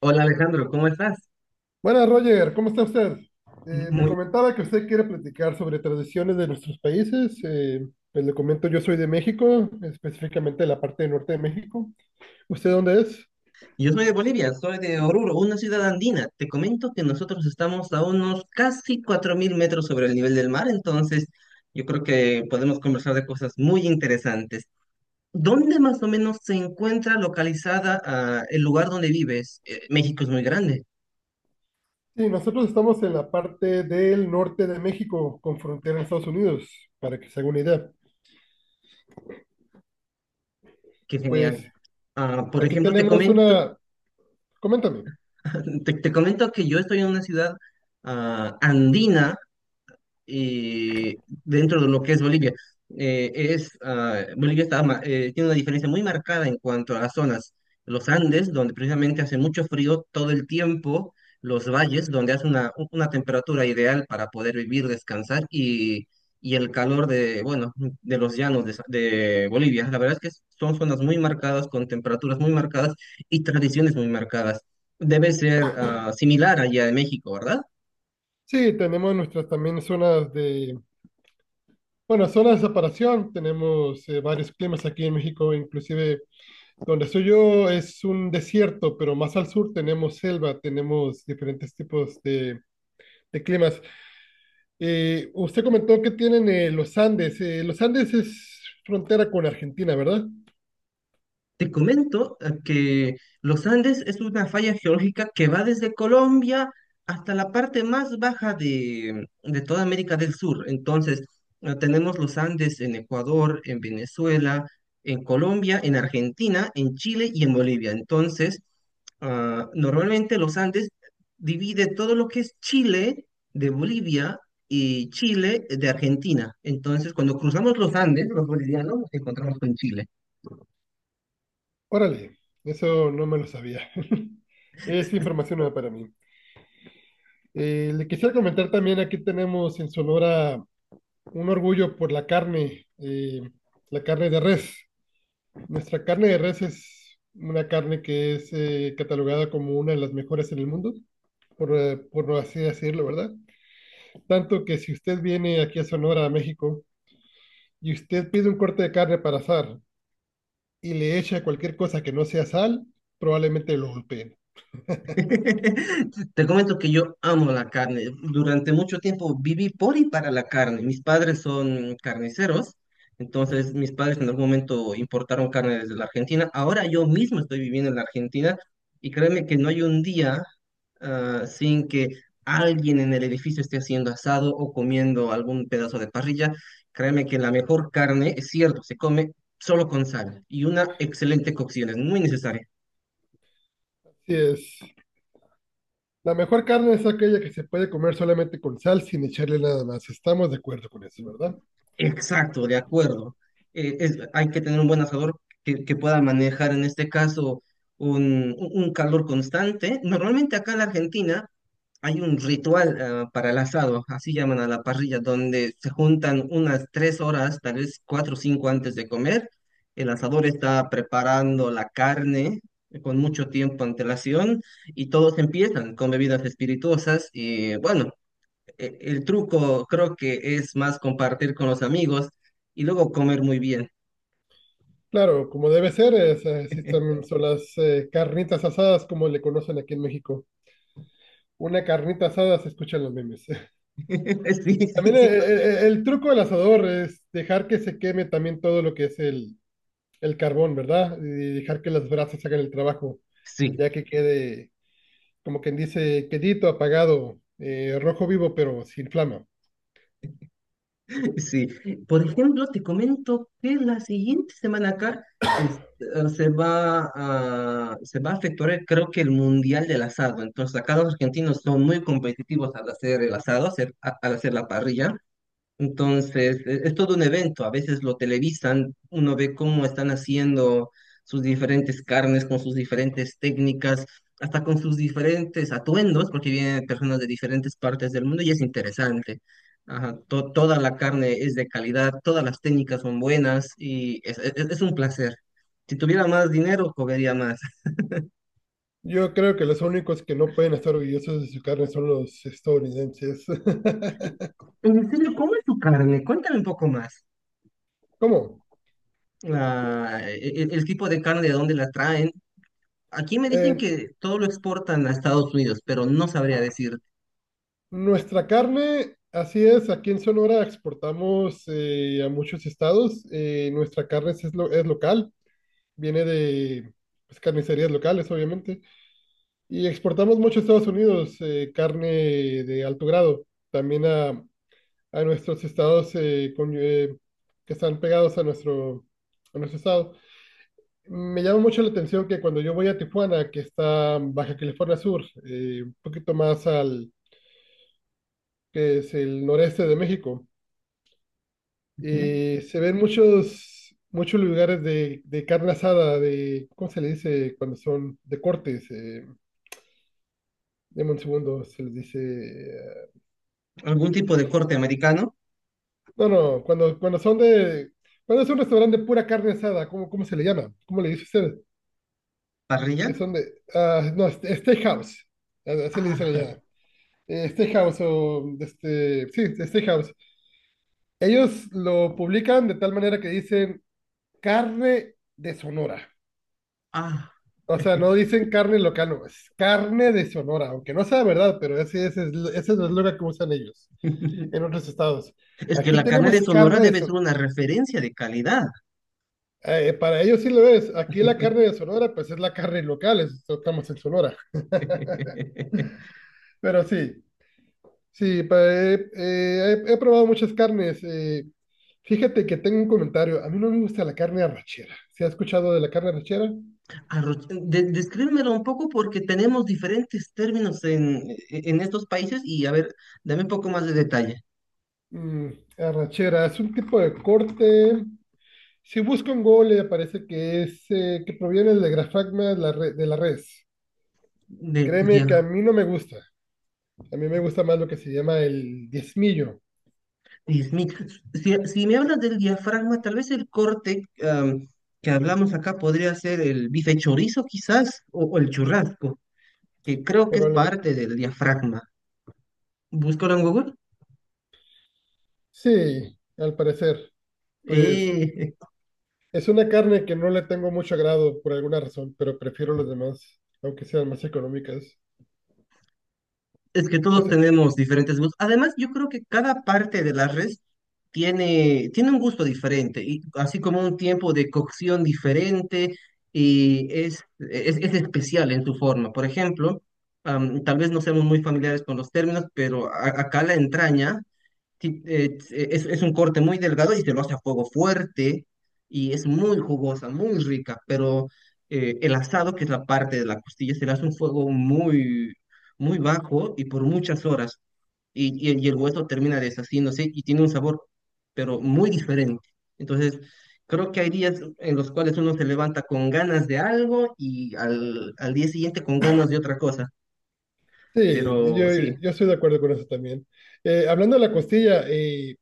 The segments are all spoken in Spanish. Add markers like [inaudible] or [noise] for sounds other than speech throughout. Hola Alejandro, ¿cómo estás? Buenas, Roger, ¿cómo está usted? Me Muy... comentaba que usted quiere platicar sobre tradiciones de nuestros países. Pues le comento, yo soy de México, específicamente de la parte norte de México. ¿Usted dónde es? Yo soy de Bolivia, soy de Oruro, una ciudad andina. Te comento que nosotros estamos a unos casi 4000 metros sobre el nivel del mar, entonces yo creo que podemos conversar de cosas muy interesantes. ¿Dónde más o menos se encuentra localizada el lugar donde vives? México es muy grande, Sí, nosotros estamos en la parte del norte de México, con frontera a Estados Unidos, para que se haga una idea. qué Pues genial. Por aquí ejemplo, te tenemos comento. una, coméntame. [laughs] Te comento que yo estoy en una ciudad andina dentro de lo que es Bolivia. Bolivia tiene una diferencia muy marcada en cuanto a las zonas. Los Andes, donde precisamente hace mucho frío todo el tiempo, los valles, donde hace una temperatura ideal para poder vivir, descansar, y el calor de, bueno, de los llanos de Bolivia. La verdad es que son zonas muy marcadas, con temperaturas muy marcadas y tradiciones muy marcadas. Debe ser similar allá de México, ¿verdad? Sí, tenemos nuestras también zonas de, bueno, zonas de separación. Tenemos varios climas aquí en México, inclusive donde estoy yo es un desierto, pero más al sur tenemos selva, tenemos diferentes tipos de climas. Usted comentó que tienen los Andes. Los Andes es frontera con Argentina, ¿verdad? Te comento que los Andes es una falla geológica que va desde Colombia hasta la parte más baja de toda América del Sur. Entonces, tenemos los Andes en Ecuador, en Venezuela, en Colombia, en Argentina, en Chile y en Bolivia. Entonces, normalmente los Andes divide todo lo que es Chile de Bolivia y Chile de Argentina. Entonces, cuando cruzamos los Andes, los bolivianos, nos encontramos con Chile. Órale, eso no me lo sabía. [laughs] Es información nueva para mí. Le quisiera comentar también, aquí tenemos en Sonora un orgullo por la carne de res. Nuestra carne de res es una carne que es catalogada como una de las mejores en el mundo, por así decirlo, ¿verdad? Tanto que si usted viene aquí a Sonora, a México, y usted pide un corte de carne para asar y le echa cualquier cosa que no sea sal, probablemente lo golpeen. [laughs] Te comento que yo amo la carne. Durante mucho tiempo viví por y para la carne. Mis padres son carniceros, entonces mis padres en algún momento importaron carne desde la Argentina. Ahora yo mismo estoy viviendo en la Argentina y créeme que no hay un día sin que alguien en el edificio esté haciendo asado o comiendo algún pedazo de parrilla. Créeme que la mejor carne, es cierto, se come solo con sal y una excelente cocción, es muy necesaria. Así es. La mejor carne es aquella que se puede comer solamente con sal sin echarle nada más. Estamos de acuerdo con eso, ¿verdad? Exacto, de acuerdo. Hay que tener un buen asador que pueda manejar en este caso un calor constante. Normalmente acá en la Argentina hay un ritual para el asado, así llaman a la parrilla, donde se juntan unas 3 horas, tal vez 4 o 5 antes de comer. El asador está preparando la carne con mucho tiempo antelación y todos empiezan con bebidas espirituosas y bueno, el truco creo que es más compartir con los amigos y luego comer muy bien. Claro, como debe ser, es, sí [laughs] son, son las carnitas asadas, como le conocen aquí en México. Una carnita asada se escucha en los memes. [laughs] Sí, sí, También sí. El, truco del asador es dejar que se queme también todo lo que es el carbón, ¿verdad? Y dejar que las brasas hagan el trabajo, Sí, ya que quede, como quien dice, quedito, apagado, rojo vivo, pero sin flama. sí. Por ejemplo, te comento que la siguiente semana acá se va a efectuar, creo que el Mundial del Asado. Entonces, acá los argentinos son muy competitivos al hacer el asado, al hacer la parrilla. Entonces, es todo un evento. A veces lo televisan, uno ve cómo están haciendo sus diferentes carnes, con sus diferentes técnicas, hasta con sus diferentes atuendos, porque vienen personas de diferentes partes del mundo y es interesante. Ajá, toda la carne es de calidad, todas las técnicas son buenas y es un placer. Si tuviera más dinero, comería más. Yo creo que los únicos que no pueden estar orgullosos de su carne son los estadounidenses. [laughs] En serio, ¿cómo es tu carne? Cuéntame un poco más. [laughs] ¿Cómo? El tipo de carne, de dónde la traen. Aquí me dicen Eh, que todo lo exportan a Estados Unidos, pero no sabría decir. Nuestra carne, así es, aquí en Sonora exportamos a muchos estados. Nuestra carne es, lo- es local, viene de pues, carnicerías locales, obviamente. Y exportamos mucho a Estados Unidos carne de alto grado, también a nuestros estados con- que están pegados a nuestro estado. Me llama mucho la atención que cuando yo voy a Tijuana, que está en Baja California Sur, un poquito más al que es el noreste de México, ¿Mm? Se ven muchos lugares de carne asada, de, ¿cómo se le dice cuando son de cortes? Deme un segundo, se les dice ¿Algún tipo de corte americano? no, no, cuando, cuando son de... Cuando es un restaurante de pura carne asada, ¿cómo, cómo se le llama? ¿Cómo le dice usted? ¿Parrilla? Que son de... ah, no, steakhouse, a- así le dicen Ah, allá. Steakhouse o... Este, sí, steakhouse. Ellos lo publican de tal manera que dicen carne de Sonora. ah. O sea, no dicen carne local, no, es carne de Sonora, aunque no sea verdad, pero ese es el eslogan que usan ellos [laughs] en otros estados. Es que Aquí la carne de tenemos Sonora carne de debe ser Sonora. una referencia de calidad. Para ellos sí lo es. Aquí la carne [laughs] de Sonora, pues es la carne local, es- estamos en Sonora. [laughs] Pero sí, sí, pa- he probado muchas carnes. Fíjate que tengo un comentario. A mí no me gusta la carne arrachera. ¿Se ha escuchado de la carne arrachera? Arroz- Descríbemelo un poco porque tenemos diferentes términos en estos países y a ver, dame un poco más de detalle. Mm, arrachera es un tipo de corte. Si busco en Google le aparece que es que proviene del grafagma de la, re- de la res. De, Créeme que a ya. mí no me gusta. A mí me gusta más lo que se llama el diezmillo, Dios mío, si me hablas del diafragma, tal vez el corte que hablamos acá podría ser el bife chorizo quizás, o el churrasco, que creo que es parte probablemente. del diafragma. Búscalo en Google. Sí, al parecer. Pues Eh, es una carne que no le tengo mucho agrado por alguna razón, pero prefiero los demás, aunque sean más económicas. Es que todos Usted- tenemos diferentes gustos. Además, yo creo que cada parte de la res tiene un gusto diferente, y así como un tiempo de cocción diferente, y es especial en su forma. Por ejemplo, tal vez no seamos muy familiares con los términos, pero acá la entraña es un corte muy delgado y se lo hace a fuego fuerte y es muy jugosa, muy rica, pero el asado, que es la parte de la costilla, se le hace un fuego muy, muy bajo y por muchas horas y el hueso termina deshaciéndose y tiene un sabor, pero muy diferente. Entonces, creo que hay días en los cuales uno se levanta con ganas de algo y al día siguiente con ganas de otra cosa, sí, yo, pero sí. yo estoy de acuerdo con eso también. Hablando de la costilla,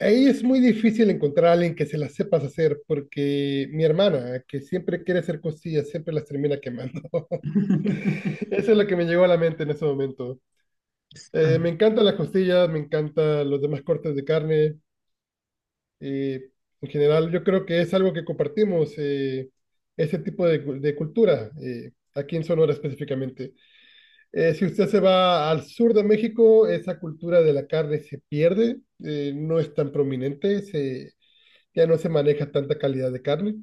ahí es muy difícil encontrar a alguien que se las sepas hacer, porque mi hermana, que siempre quiere hacer costillas, siempre las termina quemando. [laughs] [laughs] Eso es lo que me llegó a la mente en ese momento. Me encantan las costillas, me encantan los demás cortes de carne. eh, en general, yo creo que es algo que compartimos, ese tipo de, cu- de cultura, aquí en Sonora específicamente. Si usted se va al sur de México, esa cultura de la carne se pierde, no es tan prominente, se ya no se maneja tanta calidad de carne,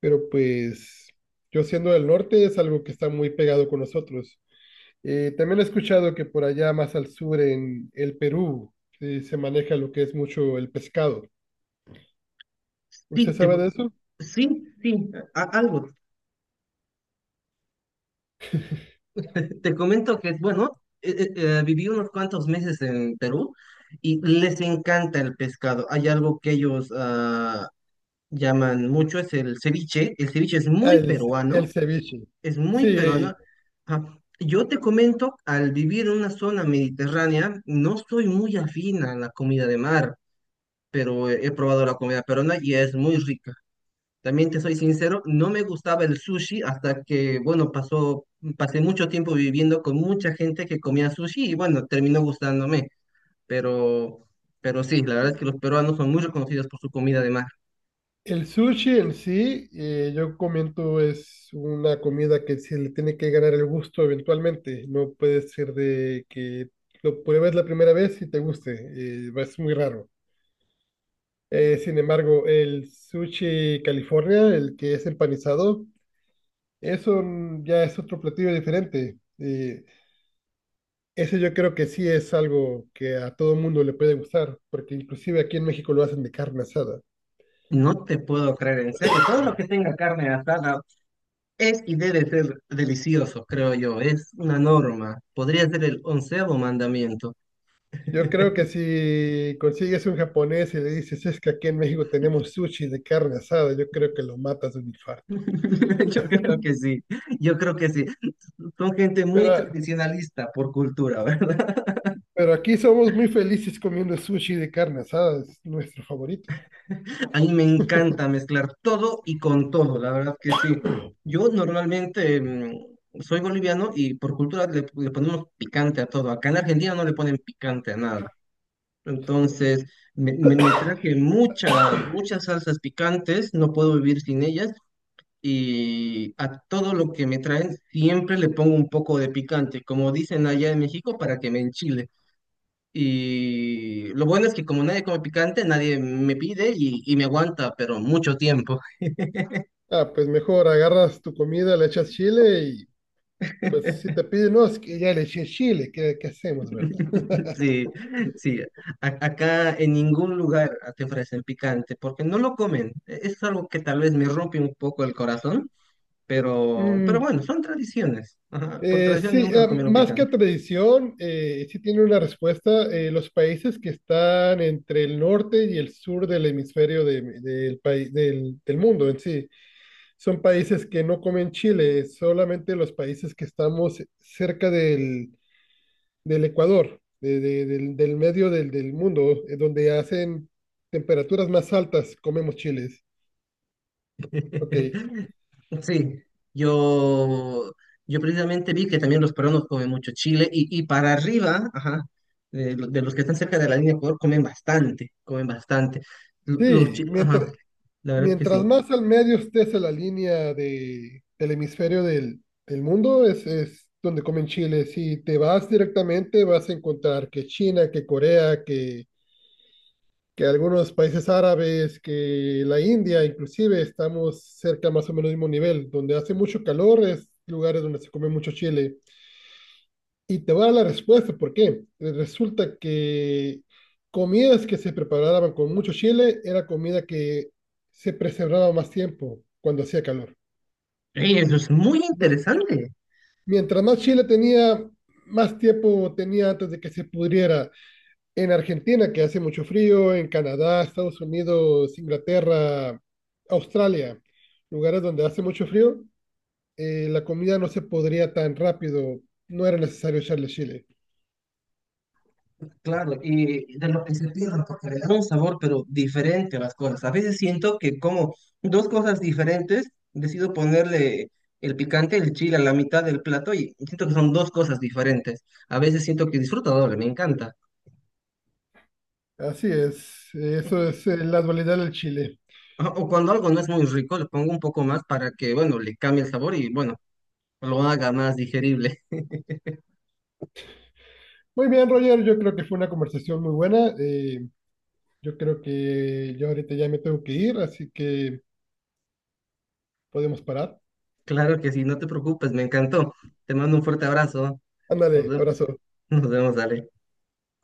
pero pues yo siendo del norte es algo que está muy pegado con nosotros. También he escuchado que por allá más al sur en el Perú se maneja lo que es mucho el pescado. ¿Usted Sí, sabe de eso? sí, sí, algo. Te comento que, bueno, viví unos cuantos meses en Perú y les encanta el pescado. Hay algo que ellos llaman mucho, es el ceviche. El ceviche es Ah, muy el, ce- el peruano, ceviche. es Sí, muy peruano. Ajá. Yo te comento, al vivir en una zona mediterránea, no soy muy afín a la comida de mar, pero he probado la comida peruana y es muy rica. También te soy sincero, no me gustaba el sushi hasta que, bueno, pasó, pasé mucho tiempo viviendo con mucha gente que comía sushi y bueno, terminó gustándome. Pero, pero sí, la verdad es que los peruanos son muy reconocidos por su comida de mar. el sushi en sí, yo comento es una comida que se le tiene que ganar el gusto eventualmente. No puede ser de que lo pruebes la primera vez y te guste. Es muy raro. Sin embargo, el sushi California, el que es empanizado, eso ya es otro platillo diferente. Ese yo creo que sí es algo que a todo mundo le puede gustar, porque inclusive aquí en México lo hacen de carne asada. No te puedo creer, en serio, todo lo que tenga carne asada es y debe ser delicioso, creo yo. Es una norma. Podría ser el onceavo mandamiento. Yo creo [laughs] que si consigues un japonés y le dices, es que aquí en México tenemos sushi de carne asada, yo creo que lo matas de un infarto. Yo creo que sí, yo creo que sí. Son gente Pero, muy a- tradicionalista por cultura, ¿verdad? pero aquí somos muy felices comiendo sushi de carne asada, es nuestro favorito. A mí me encanta mezclar todo y con todo, la verdad que sí. Yo normalmente soy boliviano y por cultura le ponemos picante a todo. Acá en Argentina no le ponen picante a nada. Entonces, me traje muchas salsas picantes, no puedo vivir sin ellas. Y a todo lo que me traen siempre le pongo un poco de picante, como dicen allá en México, para que me enchile. Y lo bueno es que como nadie come picante, nadie me pide y me aguanta, pero mucho tiempo. Ah, pues mejor agarras tu comida, le echas chile. Pues si te [laughs] piden, no, es que ya le eché chile, ¿qué, qué hacemos, verdad? Sí, sí. Acá en ningún lugar te ofrecen picante porque no lo comen. Es algo que tal vez me rompe un poco el corazón, pero Mm, bueno, son tradiciones. Ajá. Por tradición sí, nunca comieron más que picante. tradición, sí tiene una respuesta. Los países que están entre el norte y el sur del hemisferio de- del, país- del, del mundo en sí, son países que no comen chile, solamente los países que estamos cerca del, del Ecuador, de- del, del medio del, del mundo, donde hacen temperaturas más altas, comemos chiles. Ok. [laughs] Sí, yo, yo, precisamente vi que también los peruanos comen mucho chile y para arriba, ajá, de los que están cerca de la línea de Ecuador, comen bastante, comen bastante. Sí, mientras, Ajá, la verdad que mientras sí. más al medio estés en la línea de, del hemisferio del, del mundo, es donde comen chile. Si te vas directamente, vas a encontrar que China, que Corea, que algunos países árabes, que la India, inclusive, estamos cerca más o menos del mismo nivel. Donde hace mucho calor es lugares donde se come mucho chile. Y te voy a dar la respuesta, ¿por qué? Resulta que comidas que se preparaban con mucho chile era comida que se preservaba más tiempo cuando hacía calor. Ey, eso es muy No, interesante. mientras más chile tenía, más tiempo tenía antes de que se pudriera. En Argentina, que hace mucho frío, en Canadá, Estados Unidos, Inglaterra, Australia, lugares donde hace mucho frío, la comida no se podría tan rápido, no era necesario echarle chile. Claro, y de lo que se pierden, porque le da un sabor, pero diferente a las cosas. A veces siento que como dos cosas diferentes, decido ponerle el picante, el chile a la mitad del plato y siento que son dos cosas diferentes. A veces siento que disfruto doble, me encanta. Así es, eso es la dualidad del Chile. Ajá. O cuando algo no es muy rico, le pongo un poco más para que, bueno, le cambie el sabor y, bueno, lo haga más digerible. [laughs] Muy bien, Roger, yo creo que fue una conversación muy buena. Yo creo que yo ahorita ya me tengo que ir, así que podemos parar. Claro que sí, no te preocupes, me encantó. Te mando un fuerte abrazo. Nos Ándale, vemos, abrazo. [laughs] nos vemos, dale.